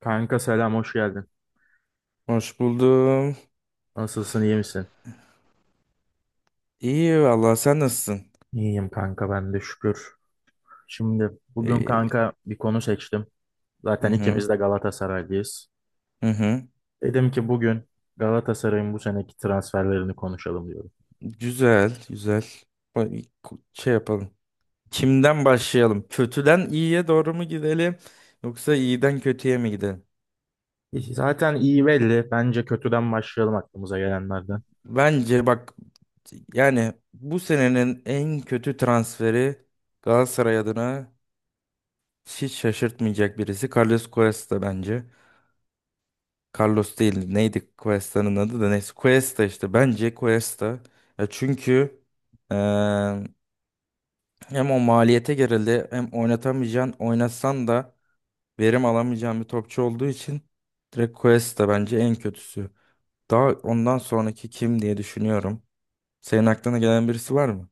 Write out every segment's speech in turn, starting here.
Kanka selam hoş geldin. Hoş buldum. Nasılsın iyi misin? İyi vallahi sen nasılsın? İyiyim kanka ben de şükür. Şimdi bugün İyi. kanka bir konu seçtim. Hı Zaten hı. ikimiz de Galatasaraylıyız. Hı hı. Dedim ki bugün Galatasaray'ın bu seneki transferlerini konuşalım diyorum. Güzel, güzel. Bak, şey yapalım. Kimden başlayalım? Kötüden iyiye doğru mu gidelim, yoksa iyiden kötüye mi gidelim? Zaten iyi belli. Bence kötüden başlayalım aklımıza gelenlerden. Bence bak, yani bu senenin en kötü transferi Galatasaray adına hiç şaşırtmayacak birisi. Carlos Cuesta bence. Carlos değil, neydi Cuesta'nın adı, da neyse Cuesta, işte bence Cuesta, ya çünkü eee, hem o maliyete gerildi, hem oynatamayacağın, oynatsan da verim alamayacağın bir topçu olduğu için direkt Cuesta bence en kötüsü. Daha ondan sonraki kim diye düşünüyorum. Senin aklına gelen birisi var mı?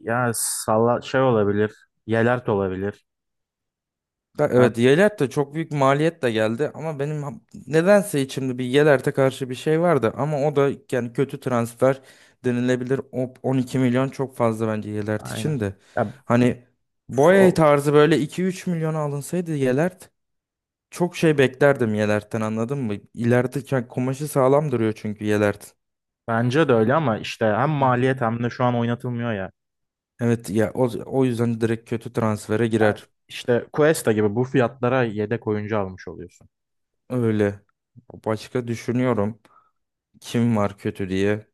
Ya salla şey olabilir. Yelert olabilir. Da- Ha, Evet Yelert de çok büyük maliyet de geldi, ama benim nedense içimde bir Yelert'e karşı bir şey vardı, ama o da yani kötü transfer denilebilir. O 12 milyon çok fazla bence Yelert aynen. için de. Ya, Hani f- Boye o- tarzı böyle 2-3 milyona alınsaydı Yelert, çok şey beklerdim Yelert'ten, anladın mı? İleride yani kumaşı sağlam duruyor çünkü Yelert. bence de öyle ama işte hem Hı hı. maliyet hem de şu an oynatılmıyor ya. Evet ya, o yüzden direkt kötü transfere Yani girer. işte Cuesta gibi bu fiyatlara yedek oyuncu almış oluyorsun. Öyle. Başka düşünüyorum, kim var kötü diye.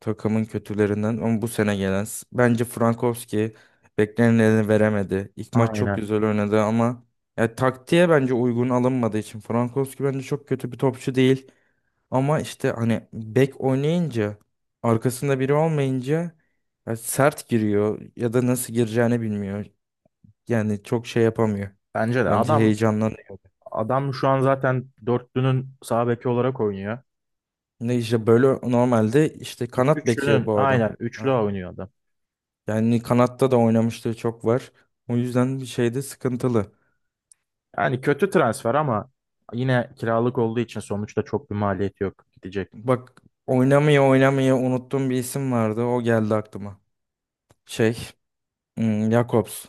Takımın kötülerinden ama bu sene gelen, bence Frankowski beklenileni veremedi. İlk maç çok Aynen. güzel oynadı ama ya, taktiğe bence uygun alınmadığı için Frankowski bence çok kötü bir topçu değil. Ama işte hani bek oynayınca, arkasında biri olmayınca ya, sert giriyor ya da nasıl gireceğini bilmiyor. Yani çok şey yapamıyor. Bence de Bence adam heyecanlanıyor. adam şu an zaten dörtlünün sağ beki olarak oynuyor. Ne, işte böyle normalde işte kanat beki Üçlünün bu adam. aynen üçlü oynuyor adam. Yani kanatta da oynamışlığı çok var. O yüzden bir şeyde sıkıntılı. Yani kötü transfer ama yine kiralık olduğu için sonuçta çok bir maliyeti yok gidecek. Bak, oynamaya oynamaya unuttuğum bir isim vardı. O geldi aklıma. Şey, Jakobs.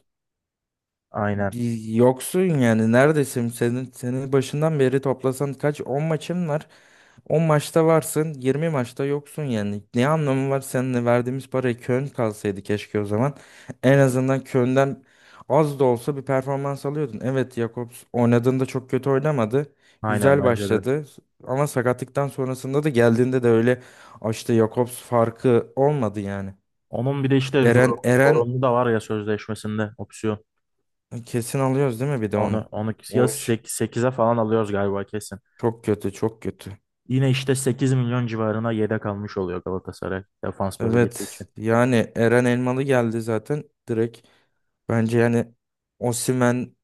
Aynen. Bir yoksun yani, neredesin? Senin başından beri toplasan kaç 10 maçın var. On maçta varsın, 20 maçta yoksun yani. Ne anlamı var seninle, verdiğimiz paraya Köln kalsaydı keşke o zaman. En azından Köln'den az da olsa bir performans alıyordun. Evet, Jakobs oynadığında çok kötü oynamadı. Aynen Güzel bence de. başladı. Ama sakatlıktan sonrasında da, geldiğinde de öyle. "Ah, işte Jakobs farkı olmadı" yani. Onun bir de işte Eren zor, Eren zorunlu da var ya sözleşmesinde opsiyon. kesin alıyoruz değil mi bir de Onu onu? onu ya O iş sekize falan alıyoruz galiba kesin. çok kötü, çok kötü. Yine işte 8 milyon civarına yedek almış oluyor Galatasaray defans bölgesi Evet, için. yani Eren Elmalı geldi zaten direkt. Bence yani Osimhen,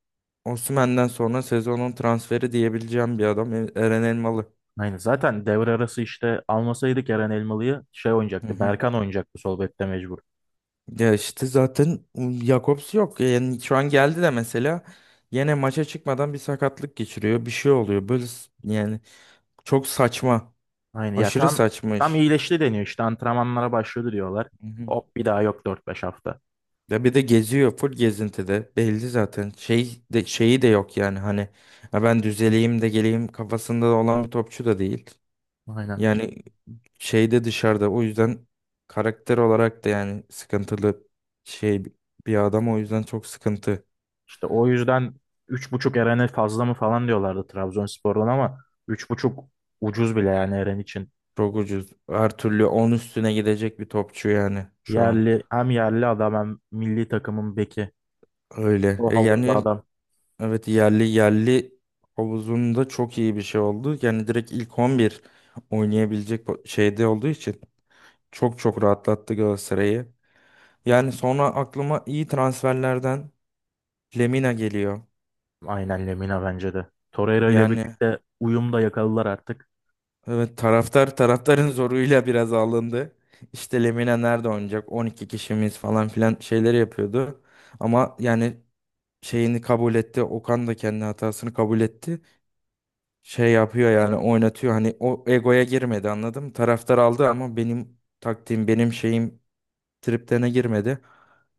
Osimhen'den sonra sezonun transferi diyebileceğim bir adam Eren Elmalı. Aynen zaten devre arası işte almasaydık Eren Elmalı'yı şey Hı oynayacaktı. hı. Berkan oynayacaktı sol bekte mecbur. Ya işte zaten Jakobs yok. Yani şu an geldi de mesela yine maça çıkmadan bir sakatlık geçiriyor, bir şey oluyor. Böyle yani çok saçma. Aynen ya Aşırı tam saçma tam iş. iyileşti deniyor. İşte antrenmanlara başladı diyorlar. Hop bir daha yok dört beş hafta. Ya bir de geziyor, full gezintide. Belli zaten. Şey de, şeyi de yok yani, hani "Ha ben düzeleyim de geleyim" kafasında olan bir topçu da değil. Aynen. Yani şeyde, dışarıda, o yüzden karakter olarak da yani sıkıntılı şey bir adam, o yüzden çok sıkıntı. İşte o yüzden 3,5 Eren'e fazla mı falan diyorlardı Trabzonspor'dan ama 3,5 ucuz bile yani Eren için. Çok ucuz. Her türlü 10 üstüne gidecek bir topçu yani şu an. Yerli hem yerli adam hem milli takımın beki. Öyle. O E havuzda yani adam. evet, yerli, yerli havuzunda çok iyi bir şey oldu. Yani direkt ilk 11 oynayabilecek şeyde olduğu için çok çok rahatlattı Galatasaray'ı. Yani sonra aklıma iyi transferlerden Lemina geliyor. Aynen Lemina bence de. Torreira ile Yani birlikte uyum da yakaladılar artık. evet, taraftarın zoruyla biraz alındı. İşte Lemina nerede oynayacak, 12 kişimiz falan filan şeyleri yapıyordu. Ama yani şeyini kabul etti. Okan da kendi hatasını kabul etti. Şey yapıyor yani, oynatıyor. Hani o egoya girmedi, anladım. Taraftar aldı ama benim taktiğim, benim şeyim triplerine girmedi.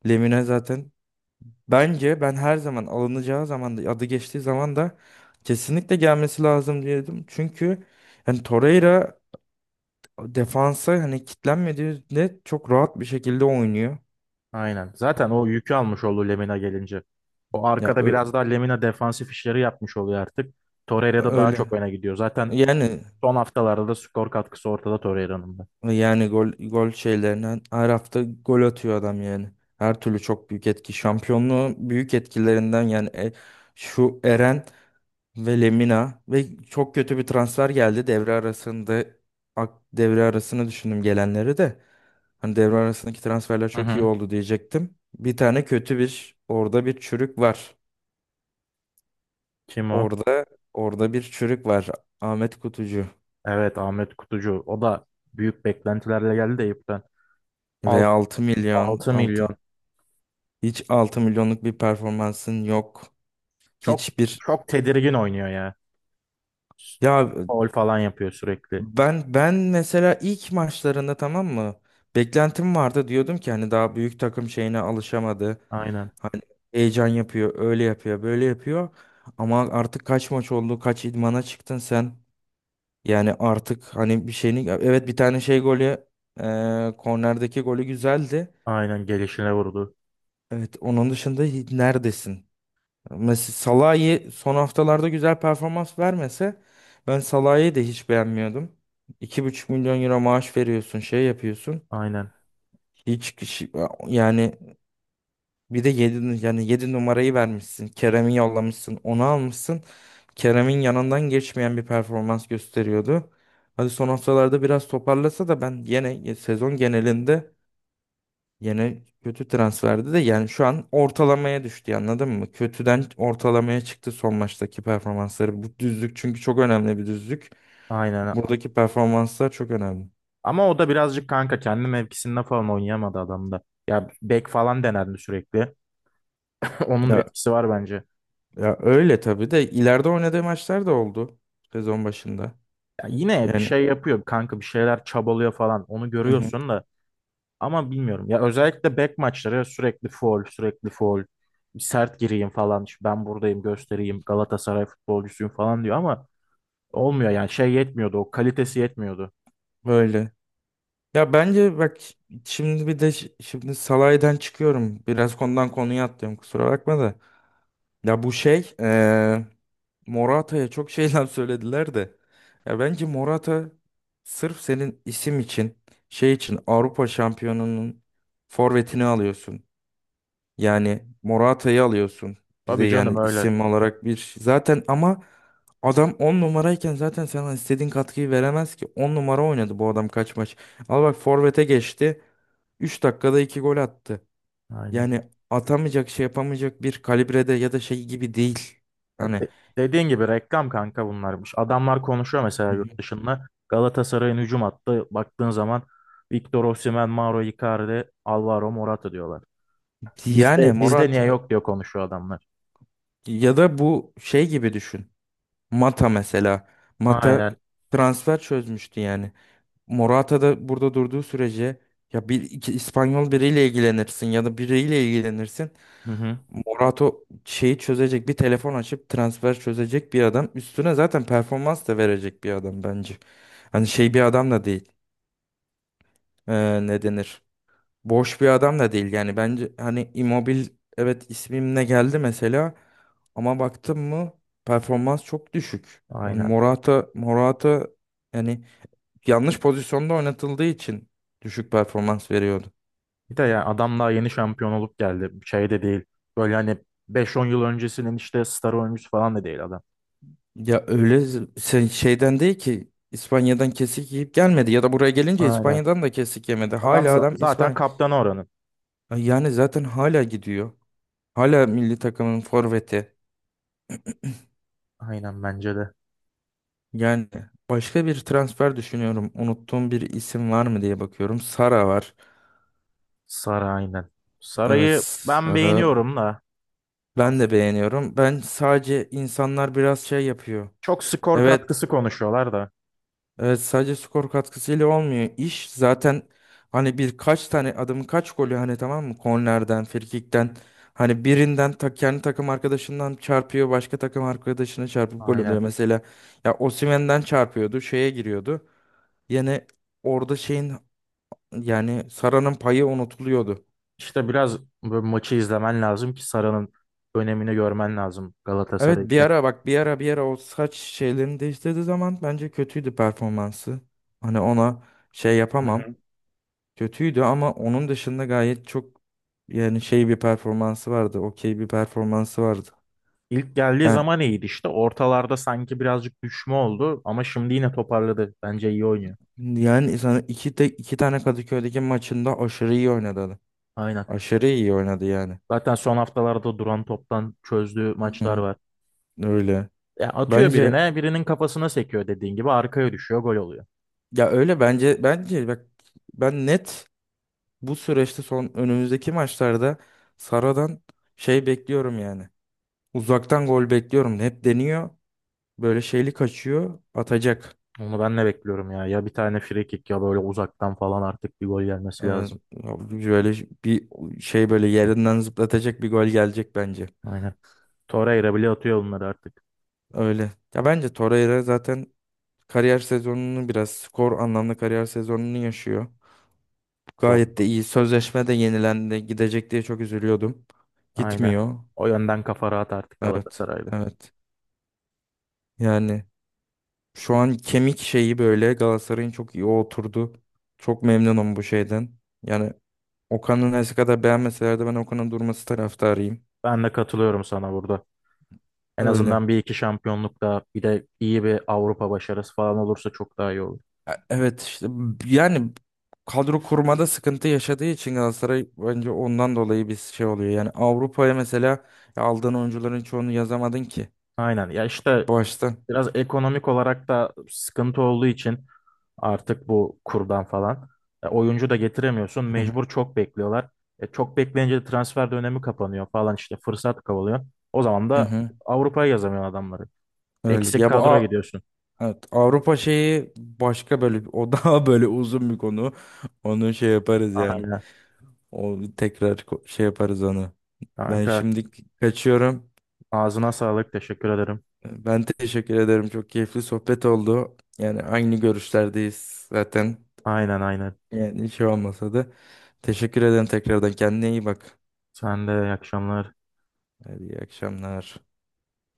Lemina zaten, bence ben her zaman alınacağı zaman da, adı geçtiği zaman da kesinlikle gelmesi lazım diyordum. Çünkü yani Torreira defansa hani kitlenmediğinde çok rahat bir şekilde oynuyor. Aynen. Zaten o yükü almış oldu Lemina gelince. O Ya arkada biraz daha Lemina defansif işleri yapmış oluyor artık. Torreira da daha öyle. çok öne gidiyor. Zaten Yani, son haftalarda da skor katkısı ortada Torreira'nın da. Gol, gol şeylerinden her hafta gol atıyor adam yani. Her türlü çok büyük etki. Şampiyonluğun büyük etkilerinden yani, şu Eren ve Lemina. Ve çok kötü bir transfer geldi devre arasında. Devre arasını düşündüm gelenleri de. Hani devre arasındaki transferler Hı çok iyi hı. oldu diyecektim. Bir tane kötü, bir orada bir çürük var. Kim o? Orada orada bir çürük var. Ahmet Kutucu Evet, Ahmet Kutucu. O da büyük beklentilerle geldi de Eyüp'ten. ve 6 milyon 6 milyon. altın. Hiç 6 milyonluk bir performansın yok. Çok Hiçbir, çok tedirgin oynuyor ya. ya Faul falan yapıyor sürekli. ben mesela ilk maçlarında, tamam mı? Beklentim vardı, diyordum ki hani daha büyük takım şeyine alışamadı. Aynen. Heyecan yapıyor, öyle yapıyor, böyle yapıyor. Ama artık kaç maç oldu, kaç idmana çıktın sen? Yani artık hani bir şeyini, evet, bir tane şey golü, kornerdeki golü güzeldi. Aynen, gelişine vurdu. Evet, onun dışında neredesin? Mesela Salah'ı son haftalarda güzel performans vermese ben Salah'ı da hiç beğenmiyordum. 2,5 milyon euro maaş veriyorsun, şey yapıyorsun. Aynen. Hiç kişi- Yani bir de yedi, yani 7 numarayı vermişsin. Kerem'i yollamışsın, onu almışsın. Kerem'in yanından geçmeyen bir performans gösteriyordu. Hadi son haftalarda biraz toparlasa da, ben yine sezon genelinde yine kötü transferdi de, yani şu an ortalamaya düştü, anladın mı? Kötüden ortalamaya çıktı son maçtaki performansları. Bu düzlük çünkü çok önemli bir düzlük. Aynen. Buradaki performanslar çok önemli. Ama o da birazcık kanka kendi mevkisinde falan oynayamadı adamda. Ya bek falan denendi sürekli. Onun da Ya, etkisi var bence. ya öyle tabii de ileride oynadığı maçlar da oldu sezon başında. Ya yine bir Yani, şey yapıyor kanka, bir şeyler çabalıyor falan. Onu hı hı, görüyorsun da ama bilmiyorum. Ya özellikle bek maçları sürekli faul, sürekli faul. Sert gireyim falan. İşte ben buradayım, göstereyim. Galatasaray futbolcusuyum falan diyor ama olmuyor yani şey yetmiyordu. O kalitesi yetmiyordu. öyle. Ya bence bak, şimdi bir de şimdi salaydan çıkıyorum. Biraz konudan konuya atlıyorum, kusura bakma da. Ya bu şey Morata'ya çok şeyler söylediler de. Ya bence Morata, sırf senin isim için, şey için Avrupa şampiyonunun forvetini alıyorsun. Yani Morata'yı alıyorsun. Bir de Tabii canım, yani öyle. isim olarak bir şey zaten, ama adam 10 numarayken zaten sana istediğin katkıyı veremez ki. On numara oynadı bu adam kaç maç. Al bak, forvete geçti, 3 dakikada 2 gol attı. Aynen. Yani atamayacak, şey yapamayacak bir kalibrede ya da şey gibi değil. Ya Hani, dediğin gibi reklam kanka bunlarmış. Adamlar konuşuyor mesela hı yurt hı, dışında. Galatasaray'ın hücum hattı baktığın zaman Victor Osimhen, Mauro Icardi, Alvaro Morata diyorlar. Bizde yani bizde niye Morata, yok diyor konuşuyor adamlar. ya da bu şey gibi düşün. Mata mesela. Mata Aynen. transfer çözmüştü yani. Morata da burada durduğu sürece, ya bir iki İspanyol biriyle ilgilenirsin ya da biriyle ilgilenirsin. Hı hı. Morata şeyi çözecek, bir telefon açıp transfer çözecek bir adam. Üstüne zaten performans da verecek bir adam bence. Hani şey bir adam da değil. Ne denir? Boş bir adam da değil. Yani bence hani Immobile evet ismimle geldi mesela, ama baktım mı performans çok düşük. Yani Aynen. Morata, yani yanlış pozisyonda oynatıldığı için düşük performans veriyordu. Bir de yani adam daha yeni şampiyon olup geldi. Şey de değil. Böyle hani beş on yıl öncesinin işte star oyuncusu falan da değil adam. Ya öyle, sen şeyden değil ki, İspanya'dan kesik yiyip gelmedi ya da buraya gelince Aynen. İspanya'dan da kesik yemedi. Adam Hala adam zaten İspanya. kaptanı oranın. Ay yani zaten hala gidiyor. Hala milli takımın forveti. Aynen bence de. Yani başka bir transfer düşünüyorum, unuttuğum bir isim var mı diye bakıyorum. Sara var. Sara aynen. Evet, Saray'ı ben Sara, beğeniyorum da. ben de beğeniyorum. Ben sadece, insanlar biraz şey yapıyor. Çok skor Evet. katkısı konuşuyorlar da. Evet, sadece skor katkısıyla olmuyor. İş zaten hani birkaç tane adamın kaç golü, hani tamam mı? Kornerden, frikikten, hani birinden ta, kendi takım arkadaşından çarpıyor, başka takım arkadaşına çarpıp gol Aynen. oluyor. Mesela ya Osimhen'den çarpıyordu, şeye giriyordu. Yani orada şeyin, yani Sara'nın payı unutuluyordu. İşte biraz bu maçı izlemen lazım ki Sara'nın önemini görmen lazım Galatasaray Evet, bir için. ara bak, bir ara o saç şeylerini değiştirdiği zaman bence kötüydü performansı. Hani, ona şey Hı hı. yapamam. Kötüydü, ama onun dışında gayet çok, yani şey bir performansı vardı. Okey bir performansı vardı. İlk geldiği Yani zaman iyiydi işte. Ortalarda sanki birazcık düşme oldu ama şimdi yine toparladı. Bence iyi oynuyor. yani sana iki de iki tane Kadıköy'deki maçında aşırı iyi oynadı adam. Aynen. Aşırı iyi oynadı yani. Zaten son haftalarda duran toptan çözdüğü Hı maçlar hı. var. Öyle. Ya atıyor Bence, birine, birinin kafasına sekiyor, dediğin gibi arkaya düşüyor, gol oluyor. ya öyle, bence bak, ben net, bu süreçte son, önümüzdeki maçlarda Sara'dan şey bekliyorum yani. Uzaktan gol bekliyorum. Hep deniyor. Böyle şeyli kaçıyor. Atacak. Onu ben de bekliyorum ya. Ya bir tane free kick ya böyle uzaktan falan artık bir gol gelmesi Evet. lazım. Ya böyle bir şey, böyle yerinden zıplatacak bir gol gelecek bence. Aynen. Torreira bile atıyor bunları artık. Öyle. Ya bence Torreira zaten kariyer sezonunu, biraz skor anlamda kariyer sezonunu yaşıyor. Gayet de Doğru. iyi. Sözleşme de yenilendi. Gidecek diye çok üzülüyordum. Aynen. Gitmiyor. O yönden kafa rahat artık Evet. Galatasaray'da. Evet. Yani şu an kemik şeyi böyle Galatasaray'ın çok iyi oturdu. Çok memnunum bu şeyden. Yani Okan'ın her kadar beğenmeseler de ben Okan'ın durması taraftarıyım. Ben de katılıyorum sana burada. En Öyle. azından bir iki şampiyonluk daha, bir de iyi bir Avrupa başarısı falan olursa çok daha iyi olur. Evet işte yani kadro kurmada sıkıntı yaşadığı için Galatasaray, bence ondan dolayı bir şey oluyor. Yani Avrupa'ya mesela aldığın oyuncuların çoğunu yazamadın ki Aynen. Ya işte başta. biraz ekonomik olarak da sıkıntı olduğu için artık bu kurdan falan oyuncu da getiremiyorsun. Hı hı, Mecbur çok bekliyorlar. Çok bekleyince de transfer dönemi kapanıyor falan işte fırsat kovalıyor. O zaman hı da hı. Avrupa'ya yazamıyor adamları. Öyle. Eksik Ya bu kadroya gidiyorsun. evet, Avrupa şeyi başka, böyle o daha böyle uzun bir konu. Onu şey yaparız yani. Aynen. O tekrar, şey yaparız onu. Ben Kanka, şimdi kaçıyorum. ağzına sağlık. Teşekkür ederim. Ben teşekkür ederim. Çok keyifli sohbet oldu. Yani aynı görüşlerdeyiz zaten. Aynen, aynen. Yani hiç olmasa da, teşekkür ederim tekrardan. Kendine iyi bak. Sen de iyi akşamlar. Hadi iyi akşamlar.